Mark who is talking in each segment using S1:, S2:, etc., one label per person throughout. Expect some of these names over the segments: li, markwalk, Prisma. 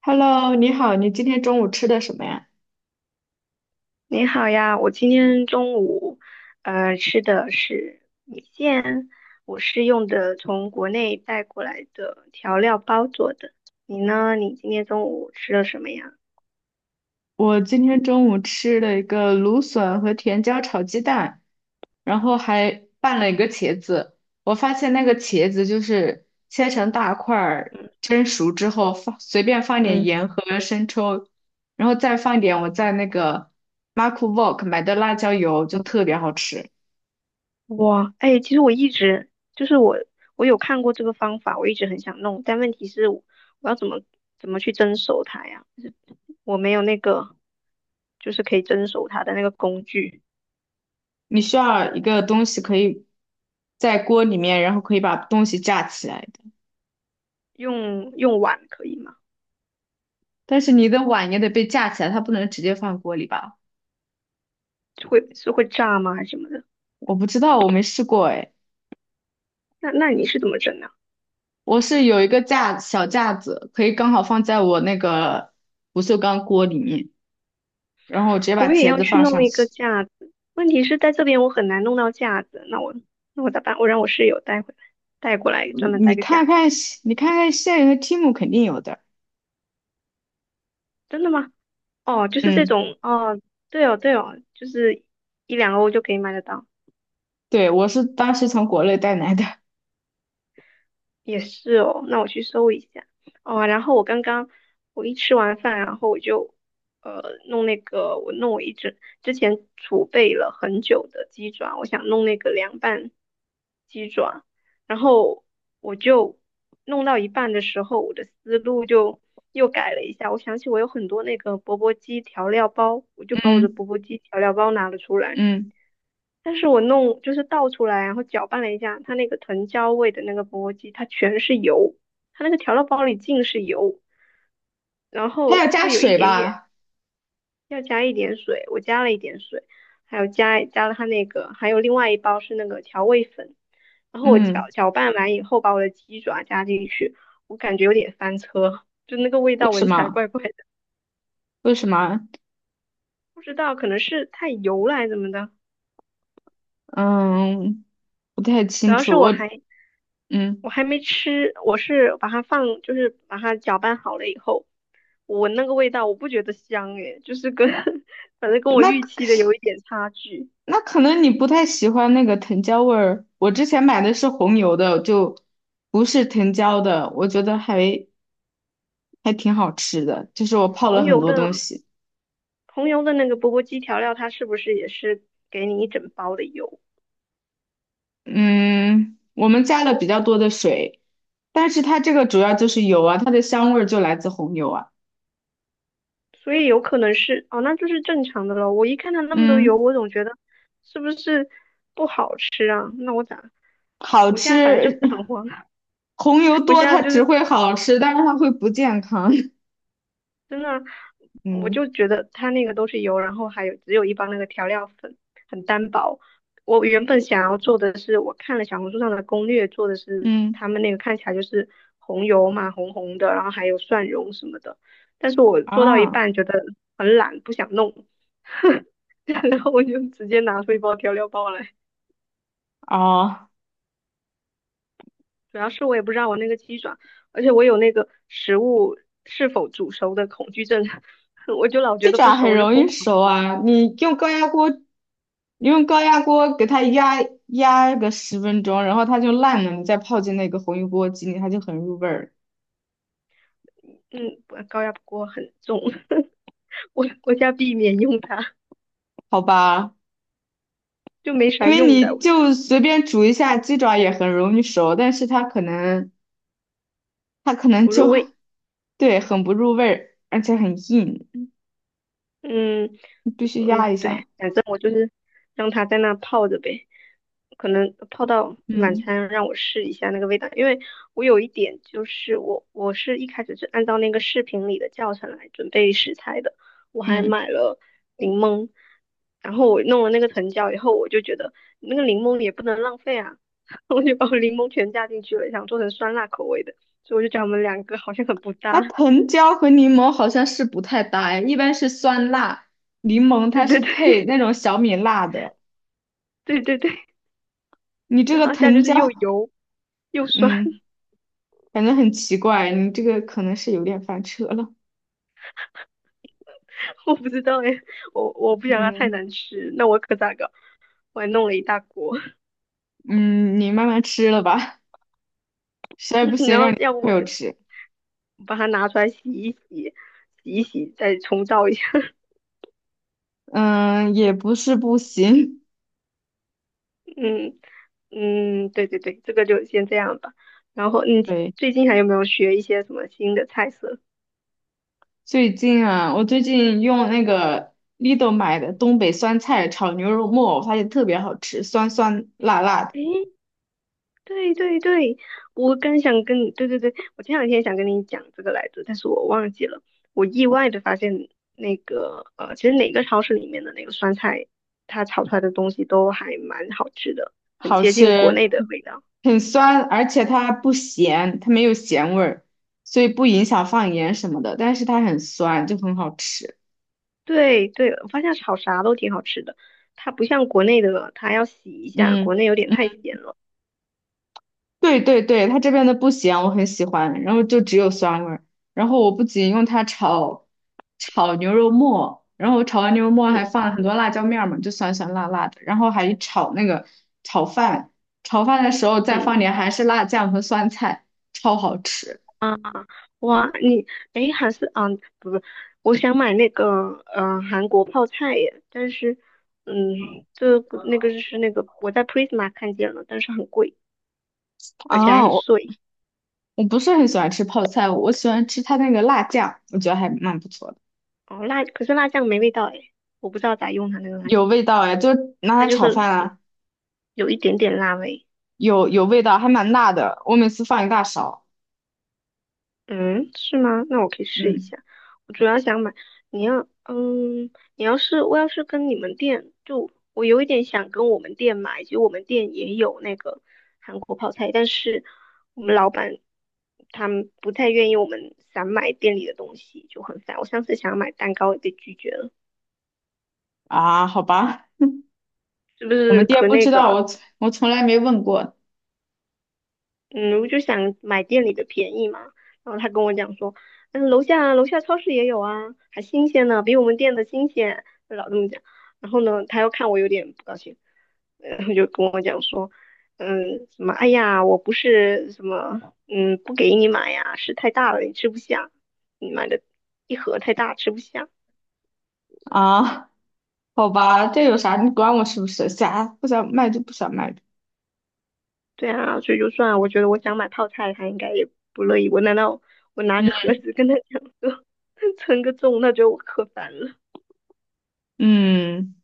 S1: Hello，你好，你今天中午吃的什么呀？
S2: 你好呀，我今天中午，吃的是米线，我是用的从国内带过来的调料包做的。你呢？你今天中午吃了什么呀？
S1: 我今天中午吃了一个芦笋和甜椒炒鸡蛋，然后还拌了一个茄子。我发现那个茄子就是切成大块儿，
S2: 嗯
S1: 蒸熟之后放随便放点
S2: 嗯，
S1: 盐和生抽，然后再放点我在那个 m a r k w a l k 买的辣椒油，就特别好吃。
S2: 哇，哎，其实我一直就是我，我有看过这个方法，我一直很想弄，但问题是我要怎么去蒸熟它呀？我没有那个，就是可以蒸熟它的那个工具，
S1: 你需要一个东西可以在锅里面，然后可以把东西架起来。
S2: 用碗可以吗？
S1: 但是你的碗也得被架起来，它不能直接放锅里吧？
S2: 会是会炸吗？还是什么的？
S1: 我不知道，我没试过哎。
S2: 那你是怎么整的？
S1: 我是有一个架小架子，可以刚好放在我那个不锈钢锅里面，然后我直接把
S2: 我也
S1: 茄
S2: 要
S1: 子
S2: 去
S1: 放
S2: 弄
S1: 上
S2: 一个
S1: 去。
S2: 架子，问题是在这边我很难弄到架子，那我咋办？我让我室友带回来，带过来专门
S1: 你
S2: 带
S1: 你
S2: 个
S1: 看
S2: 架子。
S1: 看，你看看现有的 Tim 肯定有的。
S2: 真的吗？哦，就是这
S1: 嗯，
S2: 种哦，对哦对哦，就是一两欧就可以买得到。
S1: 对，我是当时从国内带来的。
S2: 也是哦，那我去搜一下。哦，然后我刚刚我一吃完饭，然后我就呃弄那个，我一直之前储备了很久的鸡爪，我想弄那个凉拌鸡爪，然后我就弄到一半的时候，我的思路就又改了一下，我想起我有很多那个钵钵鸡调料包，我就把我的
S1: 嗯
S2: 钵钵鸡调料包拿了出来。
S1: 嗯，
S2: 但是我弄就是倒出来，然后搅拌了一下，它那个藤椒味的那个钵鸡，它全是油，它那个调料包里尽是油，然
S1: 它要
S2: 后
S1: 加
S2: 就有一
S1: 水
S2: 点点
S1: 吧？
S2: 要加一点水，我加了一点水，还有加了它那个，还有另外一包是那个调味粉，然后我搅
S1: 嗯，
S2: 搅拌完以后，把我的鸡爪加进去，我感觉有点翻车，就那个味
S1: 为
S2: 道
S1: 什
S2: 闻起来
S1: 么？
S2: 怪怪的，
S1: 为什么？
S2: 不知道可能是太油了还是怎么的。
S1: 嗯，不太
S2: 主
S1: 清
S2: 要是
S1: 楚。
S2: 我
S1: 我
S2: 还我
S1: 嗯，
S2: 还没吃，我是把它放，就是把它搅拌好了以后，我闻那个味道，我不觉得香诶，就是跟 反正跟我
S1: 那。
S2: 预期的有一点差距。
S1: 那可能你不太喜欢那个藤椒味儿。我之前买的是红油的，就不是藤椒的，我觉得还挺好吃的。就是我泡了
S2: 红
S1: 很
S2: 油
S1: 多东
S2: 的
S1: 西，
S2: 那个钵钵鸡调料，它是不是也是给你一整包的油？
S1: 嗯，我们加了比较多的水，但是它这个主要就是油啊，它的香味儿就来自红油啊。
S2: 所以有可能是哦，那就是正常的咯。我一看它那么多油，
S1: 嗯，
S2: 我总觉得是不是不好吃啊？那我咋？
S1: 好
S2: 我现在反正就是
S1: 吃，
S2: 很 慌，
S1: 红油
S2: 我现
S1: 多
S2: 在
S1: 它
S2: 就
S1: 只
S2: 是
S1: 会好吃，但是它会不健康。
S2: 真的，我
S1: 嗯
S2: 就觉得它那个都是油，然后还有只有一包那个调料粉，很单薄。我原本想要做的是，我看了小红书上的攻略，做的是
S1: 嗯
S2: 他们那个看起来就是红油嘛，红红的，然后还有蒜蓉什么的。但是我做到一
S1: 啊
S2: 半觉得很懒，不想弄，然后我就直接拿出一包调料包来。
S1: 哦。
S2: 主要是我也不知道我那个鸡爪，而且我有那个食物是否煮熟的恐惧症，我就老
S1: 鸡
S2: 觉得不
S1: 爪
S2: 熟，
S1: 很
S2: 我就
S1: 容
S2: 疯
S1: 易
S2: 狂
S1: 熟
S2: 煮。
S1: 啊，你用高压锅，你用高压锅给它压个10分钟，然后它就烂了，你再泡进那个红油锅鸡里，它就很入味儿，
S2: 嗯，我高压锅很重，我家避免用它，
S1: 好吧？
S2: 就没
S1: 因
S2: 啥
S1: 为
S2: 用的，
S1: 你
S2: 我觉得
S1: 就随便煮一下鸡爪也很容易熟，但是它可能
S2: 不入
S1: 就
S2: 味。
S1: 对很不入味儿，而且很硬，
S2: 嗯
S1: 你必须压一
S2: 嗯，对，
S1: 下。
S2: 反正我就是让它在那泡着呗，可能泡到晚
S1: 嗯
S2: 餐让我试一下那个味道，因为我有一点就是我是一开始是按照那个视频里的教程来准备食材的，我还
S1: 嗯，
S2: 买了柠檬，然后我弄了那个藤椒以后，我就觉得那个柠檬也不能浪费啊，我就把我柠檬全加进去了，想做成酸辣口味的，所以我就觉得我们两个好像很不
S1: 那
S2: 搭，
S1: 藤椒和柠檬好像是不太搭哎，一般是酸辣，柠檬
S2: 对
S1: 它
S2: 对
S1: 是
S2: 对
S1: 配那 种小米辣的。
S2: 对对对，
S1: 你 这
S2: 然
S1: 个
S2: 后现在就
S1: 藤椒，
S2: 是又油。又酸，
S1: 嗯，反正很奇怪，你这个可能是有点翻车了。
S2: 我不知道哎，我不想它太
S1: 嗯
S2: 难吃，那我可咋搞？我还弄了一大锅，
S1: 嗯，你慢慢吃了吧，实在不 行
S2: 然
S1: 让
S2: 后
S1: 你
S2: 要不
S1: 朋
S2: 我
S1: 友
S2: 就
S1: 吃。
S2: 把它拿出来洗一洗，洗一洗再重造一下。
S1: 嗯，也不是不行。
S2: 嗯嗯，对对对，这个就先这样吧。然后你
S1: 对，
S2: 最近还有没有学一些什么新的菜色？
S1: 最近啊，我最近用那个 l i 买的东北酸菜炒牛肉末，我发现特别好吃，酸酸辣辣的，
S2: 诶对对对，我刚想跟你，对对对，我前两天想跟你讲这个来着，但是我忘记了。我意外的发现，那个，其实哪个超市里面的那个酸菜，它炒出来的东西都还蛮好吃的，很
S1: 好
S2: 接近国
S1: 吃，
S2: 内的味道。
S1: 很酸，而且它不咸，它没有咸味儿，所以不影响放盐什么的，但是它很酸，就很好吃。
S2: 对对，我发现炒啥都挺好吃的，它不像国内的，它要洗一下，国
S1: 嗯
S2: 内有点太
S1: 嗯，
S2: 咸了。
S1: 对对对，它这边的不咸，我很喜欢，然后就只有酸味儿。然后我不仅用它炒牛肉末，然后我炒完牛肉末还
S2: 嗯
S1: 放了很多辣椒面儿嘛，就酸酸辣辣的。然后还炒那个炒饭，炒饭的时候再放
S2: 嗯。
S1: 点韩式辣酱和酸菜，超好吃。
S2: 啊，哇，你诶，还是啊，不不，我想买那个韩国泡菜耶，但是这个那个就是那个我在 Prisma 看见了，但是很贵，而且还
S1: 啊，
S2: 很
S1: 我
S2: 碎。
S1: 我不是很喜欢吃泡菜，我喜欢吃它那个辣酱，我觉得还蛮不错的，
S2: 哦，辣，可是辣酱没味道诶，我不知道咋用它那个辣
S1: 有
S2: 酱，
S1: 味道哎，就拿
S2: 它
S1: 来
S2: 就
S1: 炒
S2: 是
S1: 饭啊，
S2: 有一点点辣味。
S1: 有味道，还蛮辣的，我每次放一大勺。
S2: 嗯，是吗？那我可以试一
S1: 嗯
S2: 下。我主要想买，你要，你要是我要是跟你们店，就我有一点想跟我们店买，其实我们店也有那个韩国泡菜，但是我们老板他们不太愿意我们散买店里的东西，就很烦。我上次想要买蛋糕也被拒绝了，
S1: 啊，好吧，
S2: 是不
S1: 我们
S2: 是
S1: 店
S2: 可
S1: 不
S2: 那
S1: 知
S2: 个
S1: 道，
S2: 了？
S1: 我从来没问过
S2: 嗯，我就想买店里的便宜嘛。然后他跟我讲说，楼下超市也有啊，还新鲜呢，比我们店的新鲜。他老这么讲。然后呢，他又看我有点不高兴，然后就跟我讲说，哎呀，我不是什么，不给你买呀，是太大了，你吃不下，你买的一盒太大，吃不下。
S1: 啊，好吧，这有啥？你管我是不是？想不想卖就不想卖呗。
S2: 对啊，所以就算我觉得我想买泡菜，他应该也不乐意。我难道我拿
S1: 嗯
S2: 个盒子跟他讲说 称个重，他觉得我可烦了？
S1: 嗯，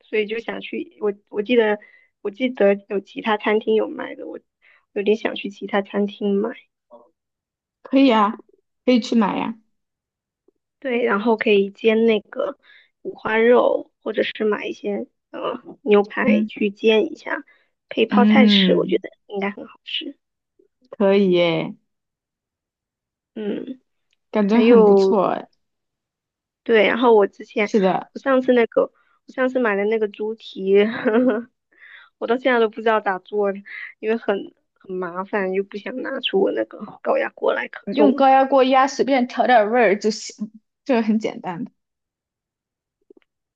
S2: 所以就想去。我记得有其他餐厅有卖的，我有点想去其他餐厅买。
S1: 可以啊，可以去买呀。
S2: 对，然后可以煎那个五花肉，或者是买一些牛排
S1: 嗯
S2: 去煎一下，配泡菜吃，我觉
S1: 嗯，
S2: 得应该很好吃。
S1: 可以耶，
S2: 嗯，
S1: 感觉
S2: 还
S1: 很不
S2: 有
S1: 错哎。
S2: 对，然后我之前
S1: 是的，
S2: 我上次那个我上次买的那个猪蹄，呵呵，我到现在都不知道咋做的，因为很麻烦，又不想拿出我那个高压锅来可
S1: 用
S2: 重了。
S1: 高压锅压，随便调点味儿就行，这个很简单的。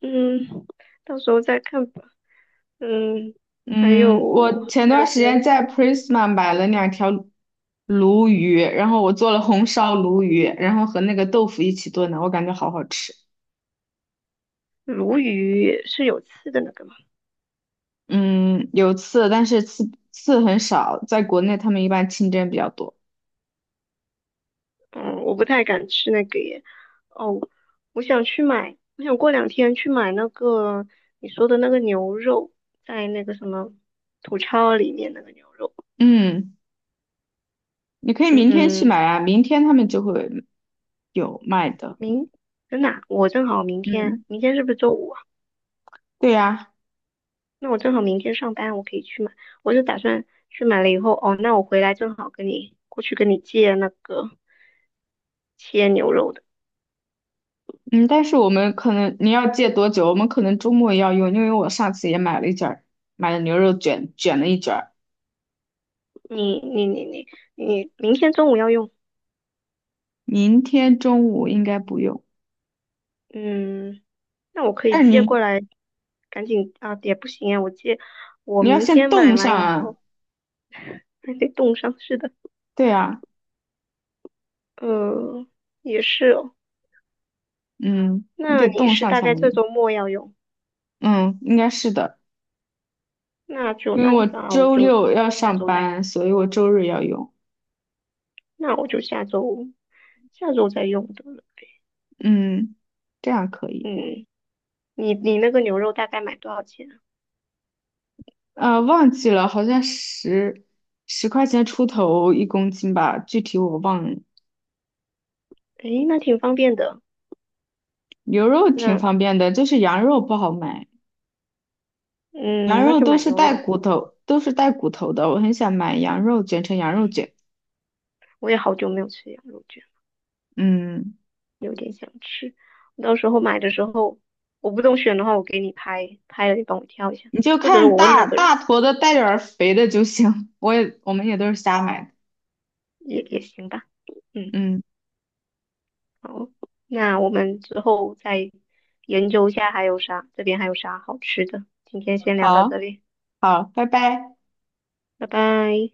S2: 嗯，到时候再看吧。嗯，还
S1: 嗯，
S2: 有
S1: 我前
S2: 还有
S1: 段时
S2: 些
S1: 间
S2: 啥？
S1: 在 Prisma 买了2条鲈鱼，然后我做了红烧鲈鱼，然后和那个豆腐一起炖的，我感觉好好吃。
S2: 鲈鱼是有刺的那个吗？
S1: 嗯，有刺，但是刺很少，在国内他们一般清蒸比较多。
S2: 嗯，我不太敢吃那个耶。哦，我想去买，我想过两天去买那个你说的那个牛肉，在那个什么土超里面那个牛肉。
S1: 嗯，你可以明天去
S2: 嗯，
S1: 买啊，明天他们就会有卖的。
S2: 明，真的啊我正好明天，
S1: 嗯，
S2: 明天是不是周五啊？
S1: 对呀，
S2: 那我正好明天上班，我可以去买。我就打算去买了以后，哦，那我回来正好跟你过去跟你借那个切牛肉的。
S1: 嗯，但是我们可能你要借多久？我们可能周末要用，因为我上次也买了一卷儿买了牛肉卷，卷了一卷儿。
S2: 你你你你你明天中午要用，
S1: 明天中午应该不用，
S2: 嗯，那我可以
S1: 但是
S2: 借
S1: 你
S2: 过来，赶紧啊，也不行啊，我借，我
S1: 你要
S2: 明
S1: 先
S2: 天买
S1: 冻上
S2: 完以
S1: 啊，
S2: 后还得冻上，是的，
S1: 对啊，
S2: 呃，也是哦，
S1: 嗯，你
S2: 那
S1: 得
S2: 你
S1: 冻
S2: 是
S1: 上
S2: 大
S1: 才
S2: 概
S1: 能
S2: 这
S1: 用，
S2: 周末要用，
S1: 嗯，应该是的，
S2: 那就
S1: 因为
S2: 那就
S1: 我
S2: 算了，我
S1: 周
S2: 就
S1: 六要
S2: 下
S1: 上
S2: 周再，
S1: 班，所以我周日要用，
S2: 那我就下周再用得了，
S1: 嗯，这样可以，
S2: 嗯，你你那个牛肉大概买多少钱啊？
S1: 呃，忘记了，好像10块钱出头1公斤吧，具体我忘了。
S2: 诶，那挺方便的，
S1: 牛肉挺
S2: 那
S1: 方便的，就是羊肉不好买，
S2: 嗯，
S1: 羊
S2: 那
S1: 肉
S2: 就
S1: 都
S2: 买
S1: 是
S2: 牛
S1: 带
S2: 肉，
S1: 骨头，都是带骨头的，我很想买羊肉卷成羊肉卷，
S2: 我也好久没有吃羊肉卷。
S1: 嗯。
S2: 有点想吃。到时候买的时候，我不懂选的话，我给你拍，拍了你帮我挑一下，
S1: 你就
S2: 或者
S1: 看
S2: 我问那
S1: 大
S2: 个
S1: 大
S2: 人
S1: 坨的带点儿肥的就行。我们也都是瞎买的。
S2: 也行吧。嗯，
S1: 嗯，
S2: 好，那我们之后再研究一下还有啥，这边还有啥好吃的。今天先聊到
S1: 好，
S2: 这里，
S1: 好，拜拜。
S2: 拜拜。